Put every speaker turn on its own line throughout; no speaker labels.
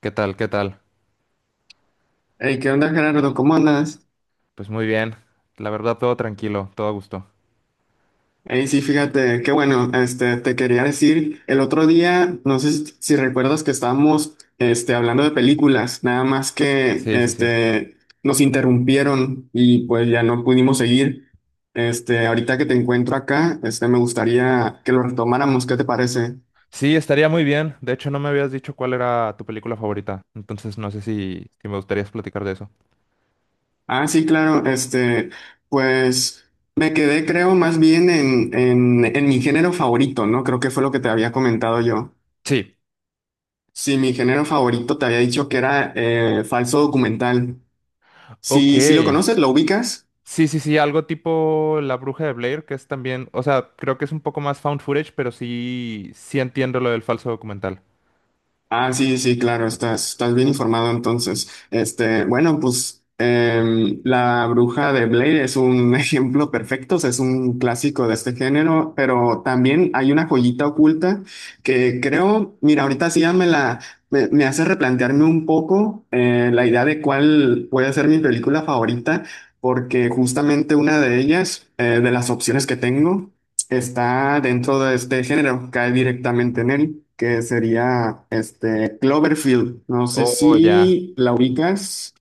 ¿Qué tal? ¿Qué tal?
Hey, ¿qué onda, Gerardo? ¿Cómo andas?
Pues muy bien. La verdad, todo tranquilo, todo a gusto.
Hey, sí, fíjate, qué bueno, te quería decir, el otro día, no sé si recuerdas que estábamos, hablando de películas, nada más que,
Sí, sí, sí.
nos interrumpieron y pues ya no pudimos seguir. Ahorita que te encuentro acá, me gustaría que lo retomáramos, ¿qué te parece?
Sí, estaría muy bien. De hecho, no me habías dicho cuál era tu película favorita. Entonces, no sé si me gustaría platicar de eso.
Ah, sí, claro, pues me quedé, creo, más bien en, en mi género favorito, ¿no? Creo que fue lo que te había comentado yo.
Sí.
Sí, mi género favorito te había dicho que era falso documental.
Ok.
Sí, sí lo conoces, lo ubicas.
Sí, sí, sí, algo tipo La Bruja de Blair, que es también, o sea, creo que es un poco más found footage, pero sí, sí entiendo lo del falso documental.
Ah, sí, sí, claro, estás bien informado entonces. Este, bueno, pues La Bruja de Blair es un ejemplo perfecto, o sea, es un clásico de este género, pero también hay una joyita oculta que creo, mira, ahorita sí ya me la, me hace replantearme un poco la idea de cuál puede ser mi película favorita, porque justamente una de ellas, de las opciones que tengo, está dentro de este género, cae directamente en él, que sería este Cloverfield. No sé
Oh, ya.
si la ubicas.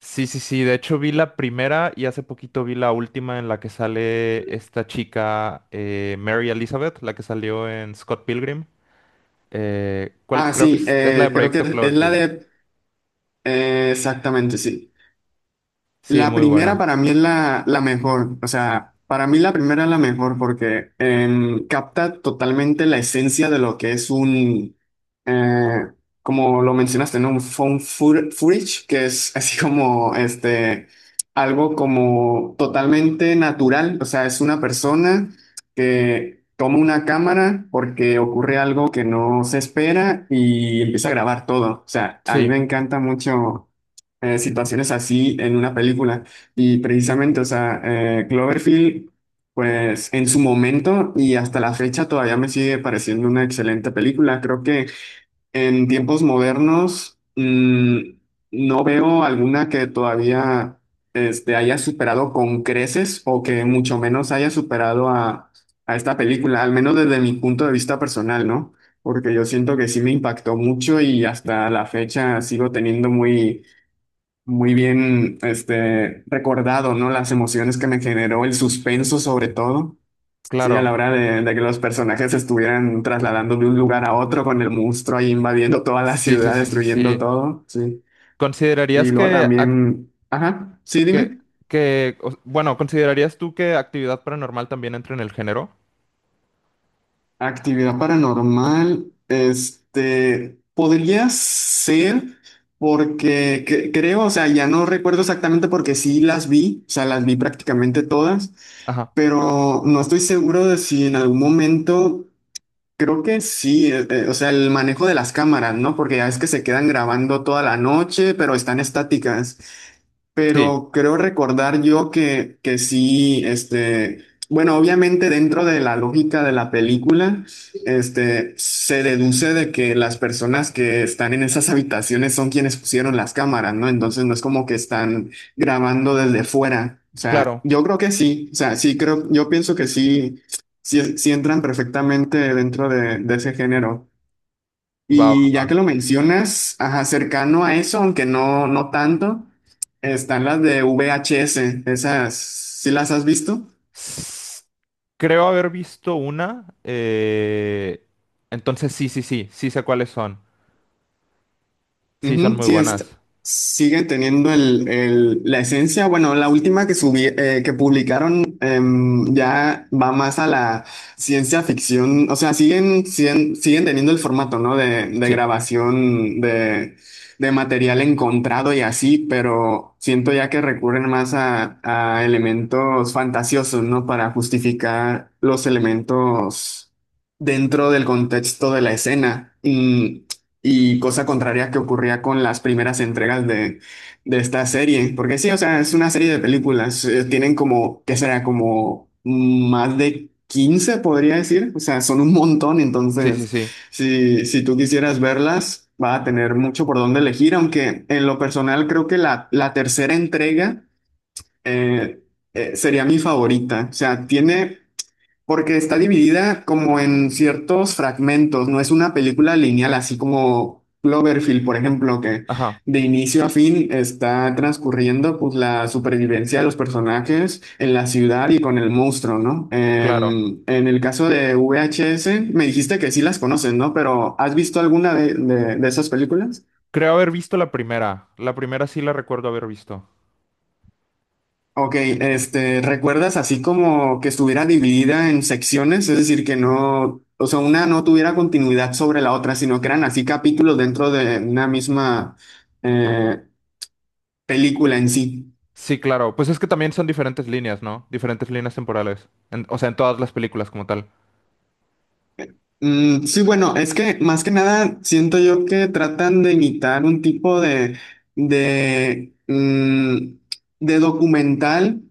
Sí, sí, sí. De hecho, vi la primera y hace poquito vi la última en la que sale esta chica, Mary Elizabeth, la que salió en Scott Pilgrim. ¿Eh, cuál?
Ah,
Creo que
sí,
es la de
creo
Proyecto
que es la
Cloverfield.
de exactamente, sí.
Sí,
La
muy
primera
buena.
para mí es la mejor, o sea, para mí la primera es la mejor porque capta totalmente la esencia de lo que es un, eh, como lo mencionaste, ¿no? Un found footage, que es así como, algo como totalmente natural, o sea, es una persona que toma una cámara porque ocurre algo que no se espera y empieza a grabar todo, o sea, a mí me
Sí,
encanta mucho situaciones así en una película. Y precisamente, o sea, Cloverfield, pues en su momento y hasta la fecha todavía me sigue pareciendo una excelente película. Creo que en tiempos modernos no veo alguna que todavía haya superado con creces o que mucho menos haya superado a esta película, al menos desde mi punto de vista personal, ¿no? Porque yo siento que sí me impactó mucho y hasta la fecha sigo teniendo muy muy bien, recordado, ¿no? Las emociones que me generó el suspenso, sobre todo, sí, a la
claro.
hora de que los personajes se estuvieran trasladando de un lugar a otro con el monstruo ahí invadiendo toda la
Sí, sí,
ciudad,
sí, sí,
destruyendo
sí.
todo, sí. Y
¿Considerarías
luego
que, ac-
también, ajá, sí,
que,
dime.
que, o- bueno, ¿Considerarías tú que actividad paranormal también entra en el género?
Actividad paranormal, podría ser porque creo, o sea, ya no recuerdo exactamente porque sí las vi, o sea, las vi prácticamente todas.
Ajá.
Pero no estoy seguro de si en algún momento, creo que sí, o sea, el manejo de las cámaras, ¿no? Porque ya es que se quedan grabando toda la noche, pero están estáticas.
Sí,
Pero creo recordar yo que sí, bueno, obviamente dentro de la lógica de la película, se deduce de que las personas que están en esas habitaciones son quienes pusieron las cámaras, ¿no? Entonces no es como que están grabando desde fuera. O sea,
claro.
yo creo que sí, o sea, sí creo, yo pienso que sí, sí, sí entran perfectamente dentro de ese género.
Va, va,
Y ya
va.
que lo mencionas, ajá, cercano a eso, aunque no, no tanto, están las de VHS, esas, ¿sí las has visto?
S- Creo haber visto una. Entonces sí, sí, sí, sí sé cuáles son. Sí, son
Ujú,
muy
sí,
buenas.
siguen teniendo la esencia. Bueno, la última que subí, que publicaron ya va más a la ciencia ficción. O sea, siguen teniendo el formato, ¿no? De
Sí,
grabación de material encontrado y así, pero siento ya que recurren más a elementos fantasiosos, ¿no? Para justificar los elementos dentro del contexto de la escena. Y cosa contraria que ocurría con las primeras entregas de esta serie. Porque sí, o sea, es una serie de películas. Tienen como, ¿qué será? Como más de 15 podría decir. O sea, son un montón.
sí, sí,
Entonces,
sí.
si tú quisieras verlas, va a tener mucho por dónde elegir. Aunque en lo personal creo que la tercera entrega eh, sería mi favorita. O sea, tiene porque está dividida como en ciertos fragmentos, no es una película lineal, así como Cloverfield, por ejemplo, que
Ajá,
de inicio a fin está transcurriendo pues la supervivencia de los personajes en la ciudad y con el monstruo, ¿no?
claro.
Em, en el caso de VHS, me dijiste que sí las conoces, ¿no? Pero ¿has visto alguna de, de esas películas?
Creo haber visto la primera. La primera sí la recuerdo haber visto.
Ok, ¿recuerdas así como que estuviera dividida en secciones? Es decir, que no, o sea, una no tuviera continuidad sobre la otra, sino que eran así capítulos dentro de una misma eh, película en sí.
Sí, claro. Pues es que también son diferentes líneas, ¿no? Diferentes líneas temporales. O sea, en todas las películas como tal.
Mm, sí, bueno, es que más que nada siento yo que tratan de imitar un tipo de, mm, de documental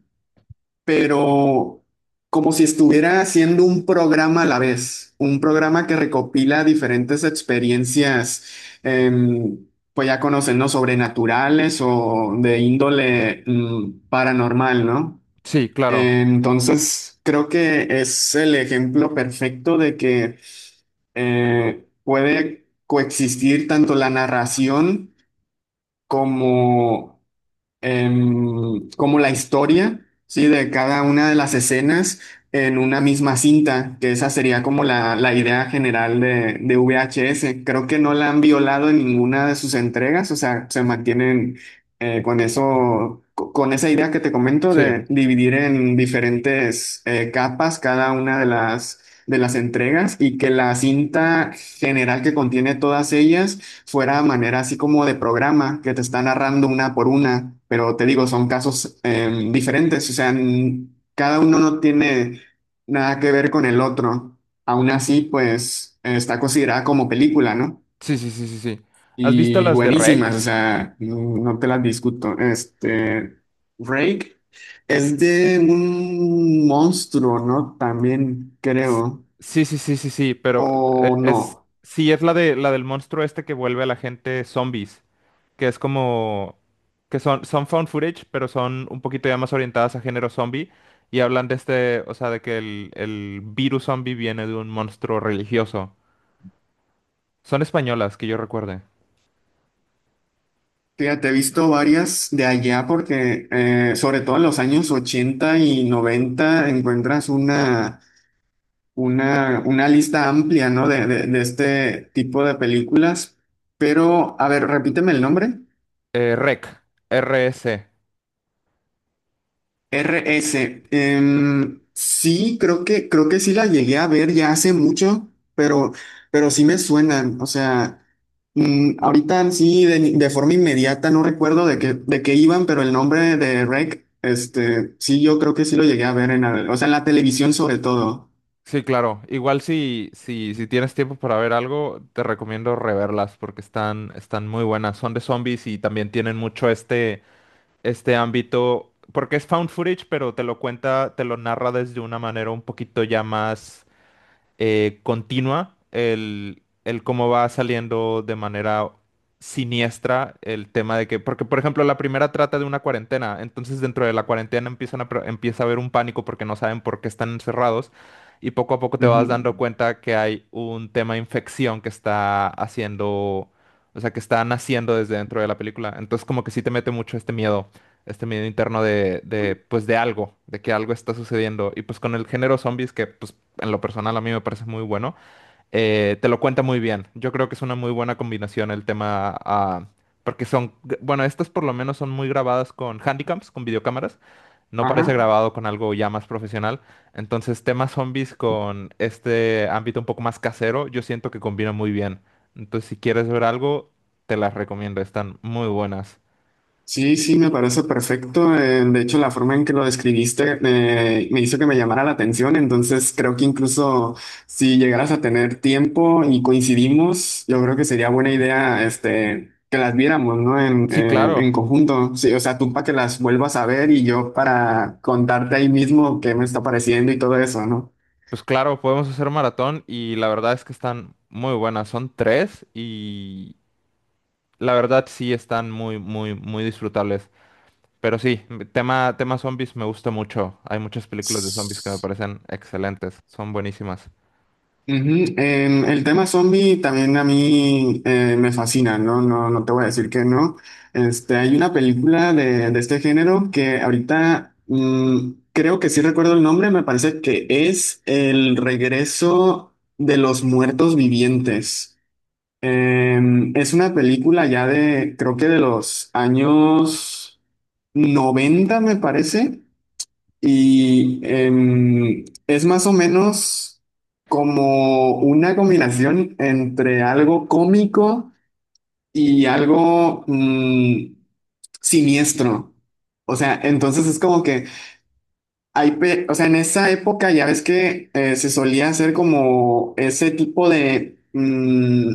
pero como si estuviera haciendo un programa a la vez, un programa que recopila diferentes experiencias, em, pues ya conocen, ¿no? Sobrenaturales o de índole paranormal, ¿no?
Sí, claro.
Entonces, creo que es el ejemplo perfecto de que puede coexistir tanto la narración como como la historia, ¿sí? De cada una de las escenas en una misma cinta, que esa sería como la idea general de VHS. Creo que no la han violado en ninguna de sus entregas, o sea, se mantienen con eso, con esa idea que te comento
Sí,
de dividir en diferentes capas cada una de las entregas y que la cinta general que contiene todas ellas fuera manera así como de programa que te está narrando una por una, pero te digo, son casos diferentes, o sea, cada uno no tiene nada que ver con el otro. Aún así, pues está considerada como película, ¿no?
sí, sí, sí, sí, sí. ¿Has visto
Y
las de REC?
buenísimas, o sea, no, no te las discuto. Rake es de un monstruo, ¿no? También
S-
creo,
Sí, sí, sí, sí, sí, pero
o no.
sí, es la de la del monstruo este que vuelve a la gente zombies, que es como, que son, son found footage, pero son un poquito ya más orientadas a género zombie y hablan de este, o sea, de que el virus zombie viene de un monstruo religioso. Son españolas, que yo recuerde.
Fíjate, he visto varias de allá porque sobre todo en los años 80 y 90 encuentras una lista amplia, ¿no? de, de este tipo de películas. Pero, a ver, repíteme el nombre.
REC, R s.
RS. Sí, creo que, sí la llegué a ver ya hace mucho, pero, pero sí me suenan. O sea, ahorita sí, de forma inmediata no recuerdo de qué iban, pero el nombre de REC, sí, yo creo que sí lo llegué a ver en la, o sea, en la televisión sobre todo.
Sí, claro. Igual si tienes tiempo para ver algo, te recomiendo reverlas porque están muy buenas. Son de zombies y también tienen mucho este ámbito, porque es found footage, pero te lo cuenta, te lo narra desde una manera un poquito ya más continua, el cómo va saliendo de manera siniestra el tema de que, porque por ejemplo la primera trata de una cuarentena, entonces dentro de la cuarentena empiezan a empieza a haber un pánico porque no saben por qué están encerrados y poco a poco te vas
Ujú.
dando cuenta que hay un tema de infección que está haciendo, o sea, que está naciendo desde dentro de la película, entonces como que sí te mete mucho este miedo. Este miedo interno pues, de algo, de que algo está sucediendo. Y pues con el género zombies, que pues en lo personal a mí me parece muy bueno, te lo cuenta muy bien. Yo creo que es una muy buena combinación el tema, ah, porque son, bueno, estas por lo menos son muy grabadas con handicaps, con videocámaras. No parece
Ajá.
grabado con algo ya más profesional. Entonces, temas zombies con este ámbito un poco más casero, yo siento que combina muy bien. Entonces, si quieres ver algo, te las recomiendo. Están muy buenas.
Sí, sí, me parece perfecto. De hecho, la forma en que lo describiste me hizo que me llamara la atención. Entonces, creo que incluso si llegaras a tener tiempo y coincidimos, yo creo que sería buena idea, que las viéramos, ¿no? En,
Sí,
eh,
claro.
en conjunto. Sí, o sea, tú para que las vuelvas a ver y yo para contarte ahí mismo qué me está pareciendo y todo eso, ¿no?
Pues claro, podemos hacer maratón y la verdad es que están muy buenas. Son tres y la verdad sí están muy, muy, muy disfrutables. Pero sí, tema zombies me gusta mucho. Hay muchas películas de zombies que me parecen excelentes. Son buenísimas.
Ujú, el tema zombie también a mí me fascina, ¿no? No, no te voy a decir que no. Hay una película de este género que ahorita creo que sí recuerdo el nombre, me parece que es El regreso de los muertos vivientes. Es una película ya de, creo que de los años 90 me parece. Y es más o menos como una combinación entre algo cómico y algo siniestro. O sea, entonces es como que hay, o sea, en esa época ya ves que se solía hacer como ese tipo de mm,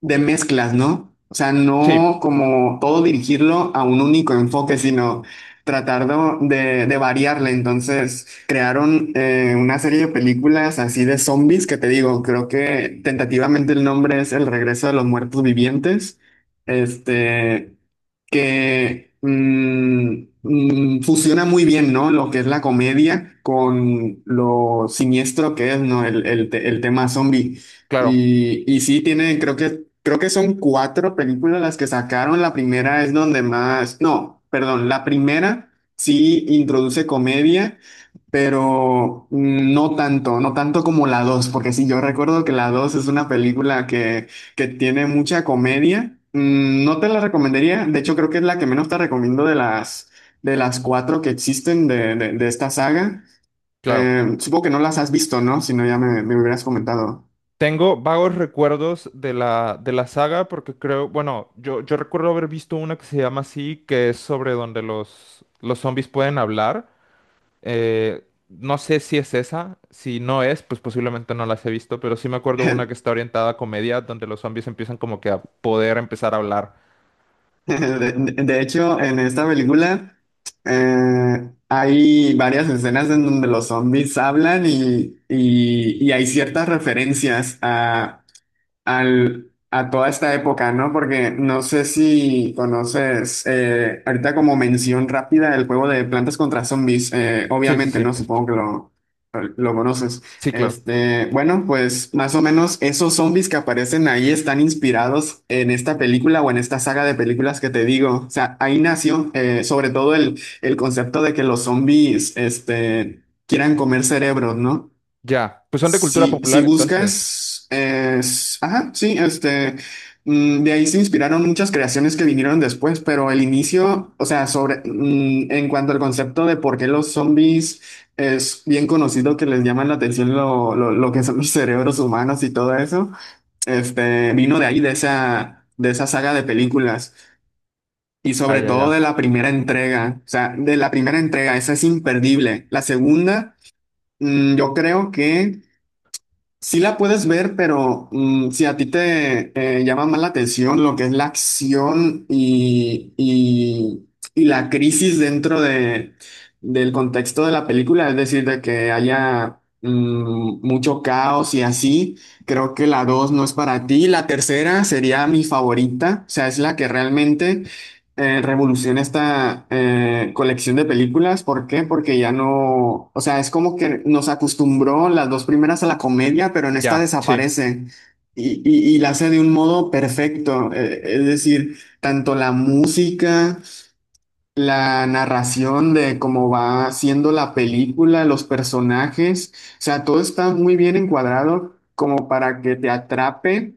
de mezclas, ¿no? O sea,
Sí,
no como todo dirigirlo a un único enfoque, sino tratar de variarle. Entonces, crearon una serie de películas así de zombies que te digo, creo que tentativamente el nombre es El regreso de los muertos vivientes. Este que fusiona muy bien, ¿no? Lo que es la comedia con lo siniestro que es, ¿no? El, el tema zombie.
claro,
Y sí, tiene, creo que son cuatro películas las que sacaron. La primera es donde más, no, perdón, la primera sí introduce comedia pero no tanto, no tanto como la 2 porque sí, yo recuerdo que la 2 es una película que tiene mucha comedia. No te la recomendaría, de hecho creo que es la que menos te recomiendo de las cuatro que existen de esta saga.
claro.
Supongo que no las has visto, ¿no? Si no, ya me hubieras comentado.
Tengo vagos recuerdos de la saga porque creo, bueno, yo recuerdo haber visto una que se llama así, que es sobre donde los zombies pueden hablar. Eh, no sé si es esa, si no es, pues posiblemente no las he visto, pero sí me acuerdo una que está orientada a comedia, donde los zombies empiezan como que a poder empezar a hablar.
De hecho, en esta película hay varias escenas en donde los zombies hablan y hay ciertas referencias a toda esta época, ¿no? Porque no sé si conoces, ahorita como mención rápida, el juego de Plantas contra Zombies,
Sí, sí,
obviamente,
sí.
¿no? Supongo que lo conoces.
Sí, claro.
Este, bueno, pues más o menos esos zombies que aparecen ahí están inspirados en esta película o en esta saga de películas que te digo. O sea, ahí nació, sobre todo el concepto de que los zombies, quieran comer cerebros, ¿no?
Ya. Pues son de cultura
Si
popular entonces.
buscas, es, ajá, sí, de ahí se inspiraron muchas creaciones que vinieron después, pero el inicio, o sea, sobre, en cuanto al concepto de por qué los zombies es bien conocido que les llaman la atención lo que son los cerebros humanos y todo eso, vino de ahí, de esa saga de películas. Y
Ah,
sobre
ya,
todo de
ya.
la primera entrega, o sea, de la primera entrega, esa es imperdible. La segunda, yo creo que sí la puedes ver, pero si a ti te llama más la atención lo que es la acción y la crisis dentro del contexto de la película, es decir, de que haya mucho caos y así, creo que la dos no es para ti. La tercera sería mi favorita, o sea, es la que realmente revoluciona esta colección de películas. ¿Por qué? Porque ya no, o sea, es como que nos acostumbró las dos primeras a la comedia, pero en esta
Ya. Sí,
desaparece y la hace de un modo perfecto. Es decir, tanto la música la narración de cómo va siendo la película, los personajes, o sea, todo está muy bien encuadrado como para que te atrape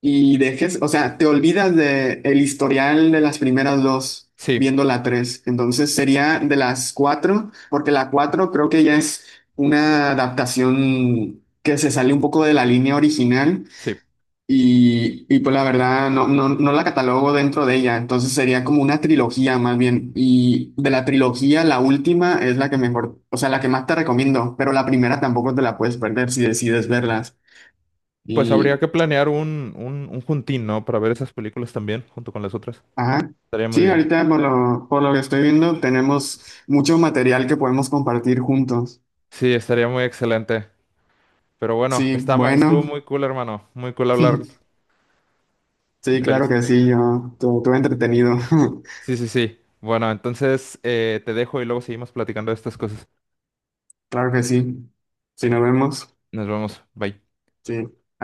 y dejes, o sea, te olvidas de el historial de las primeras dos
sí,
viendo la tres. Entonces sería de las cuatro, porque la cuatro creo que ya es una adaptación que se sale un poco de la línea original
sí.
pues la verdad no, no, no la catalogo dentro de ella, entonces sería como una trilogía más bien. Y de la trilogía, la última es la que mejor, o sea, la que más te recomiendo, pero la primera tampoco te la puedes perder si decides verlas.
Pues habría
Y,
que planear un juntín, ¿no? Para ver esas películas también, junto con las otras.
ajá,
Estaría muy
sí,
bien.
ahorita por lo que estoy viendo tenemos mucho material que podemos compartir juntos.
Sí, estaría muy excelente. Pero bueno,
Sí,
estuvo
bueno,
muy cool, hermano. Muy cool hablar
sí,
de
claro
pelis.
que sí, yo, todo, todo entretenido,
Sí, sí, sí. Bueno, entonces te dejo y luego seguimos platicando de estas cosas.
claro que sí. Si nos vemos,
Nos vemos. Bye.
sí, adiós.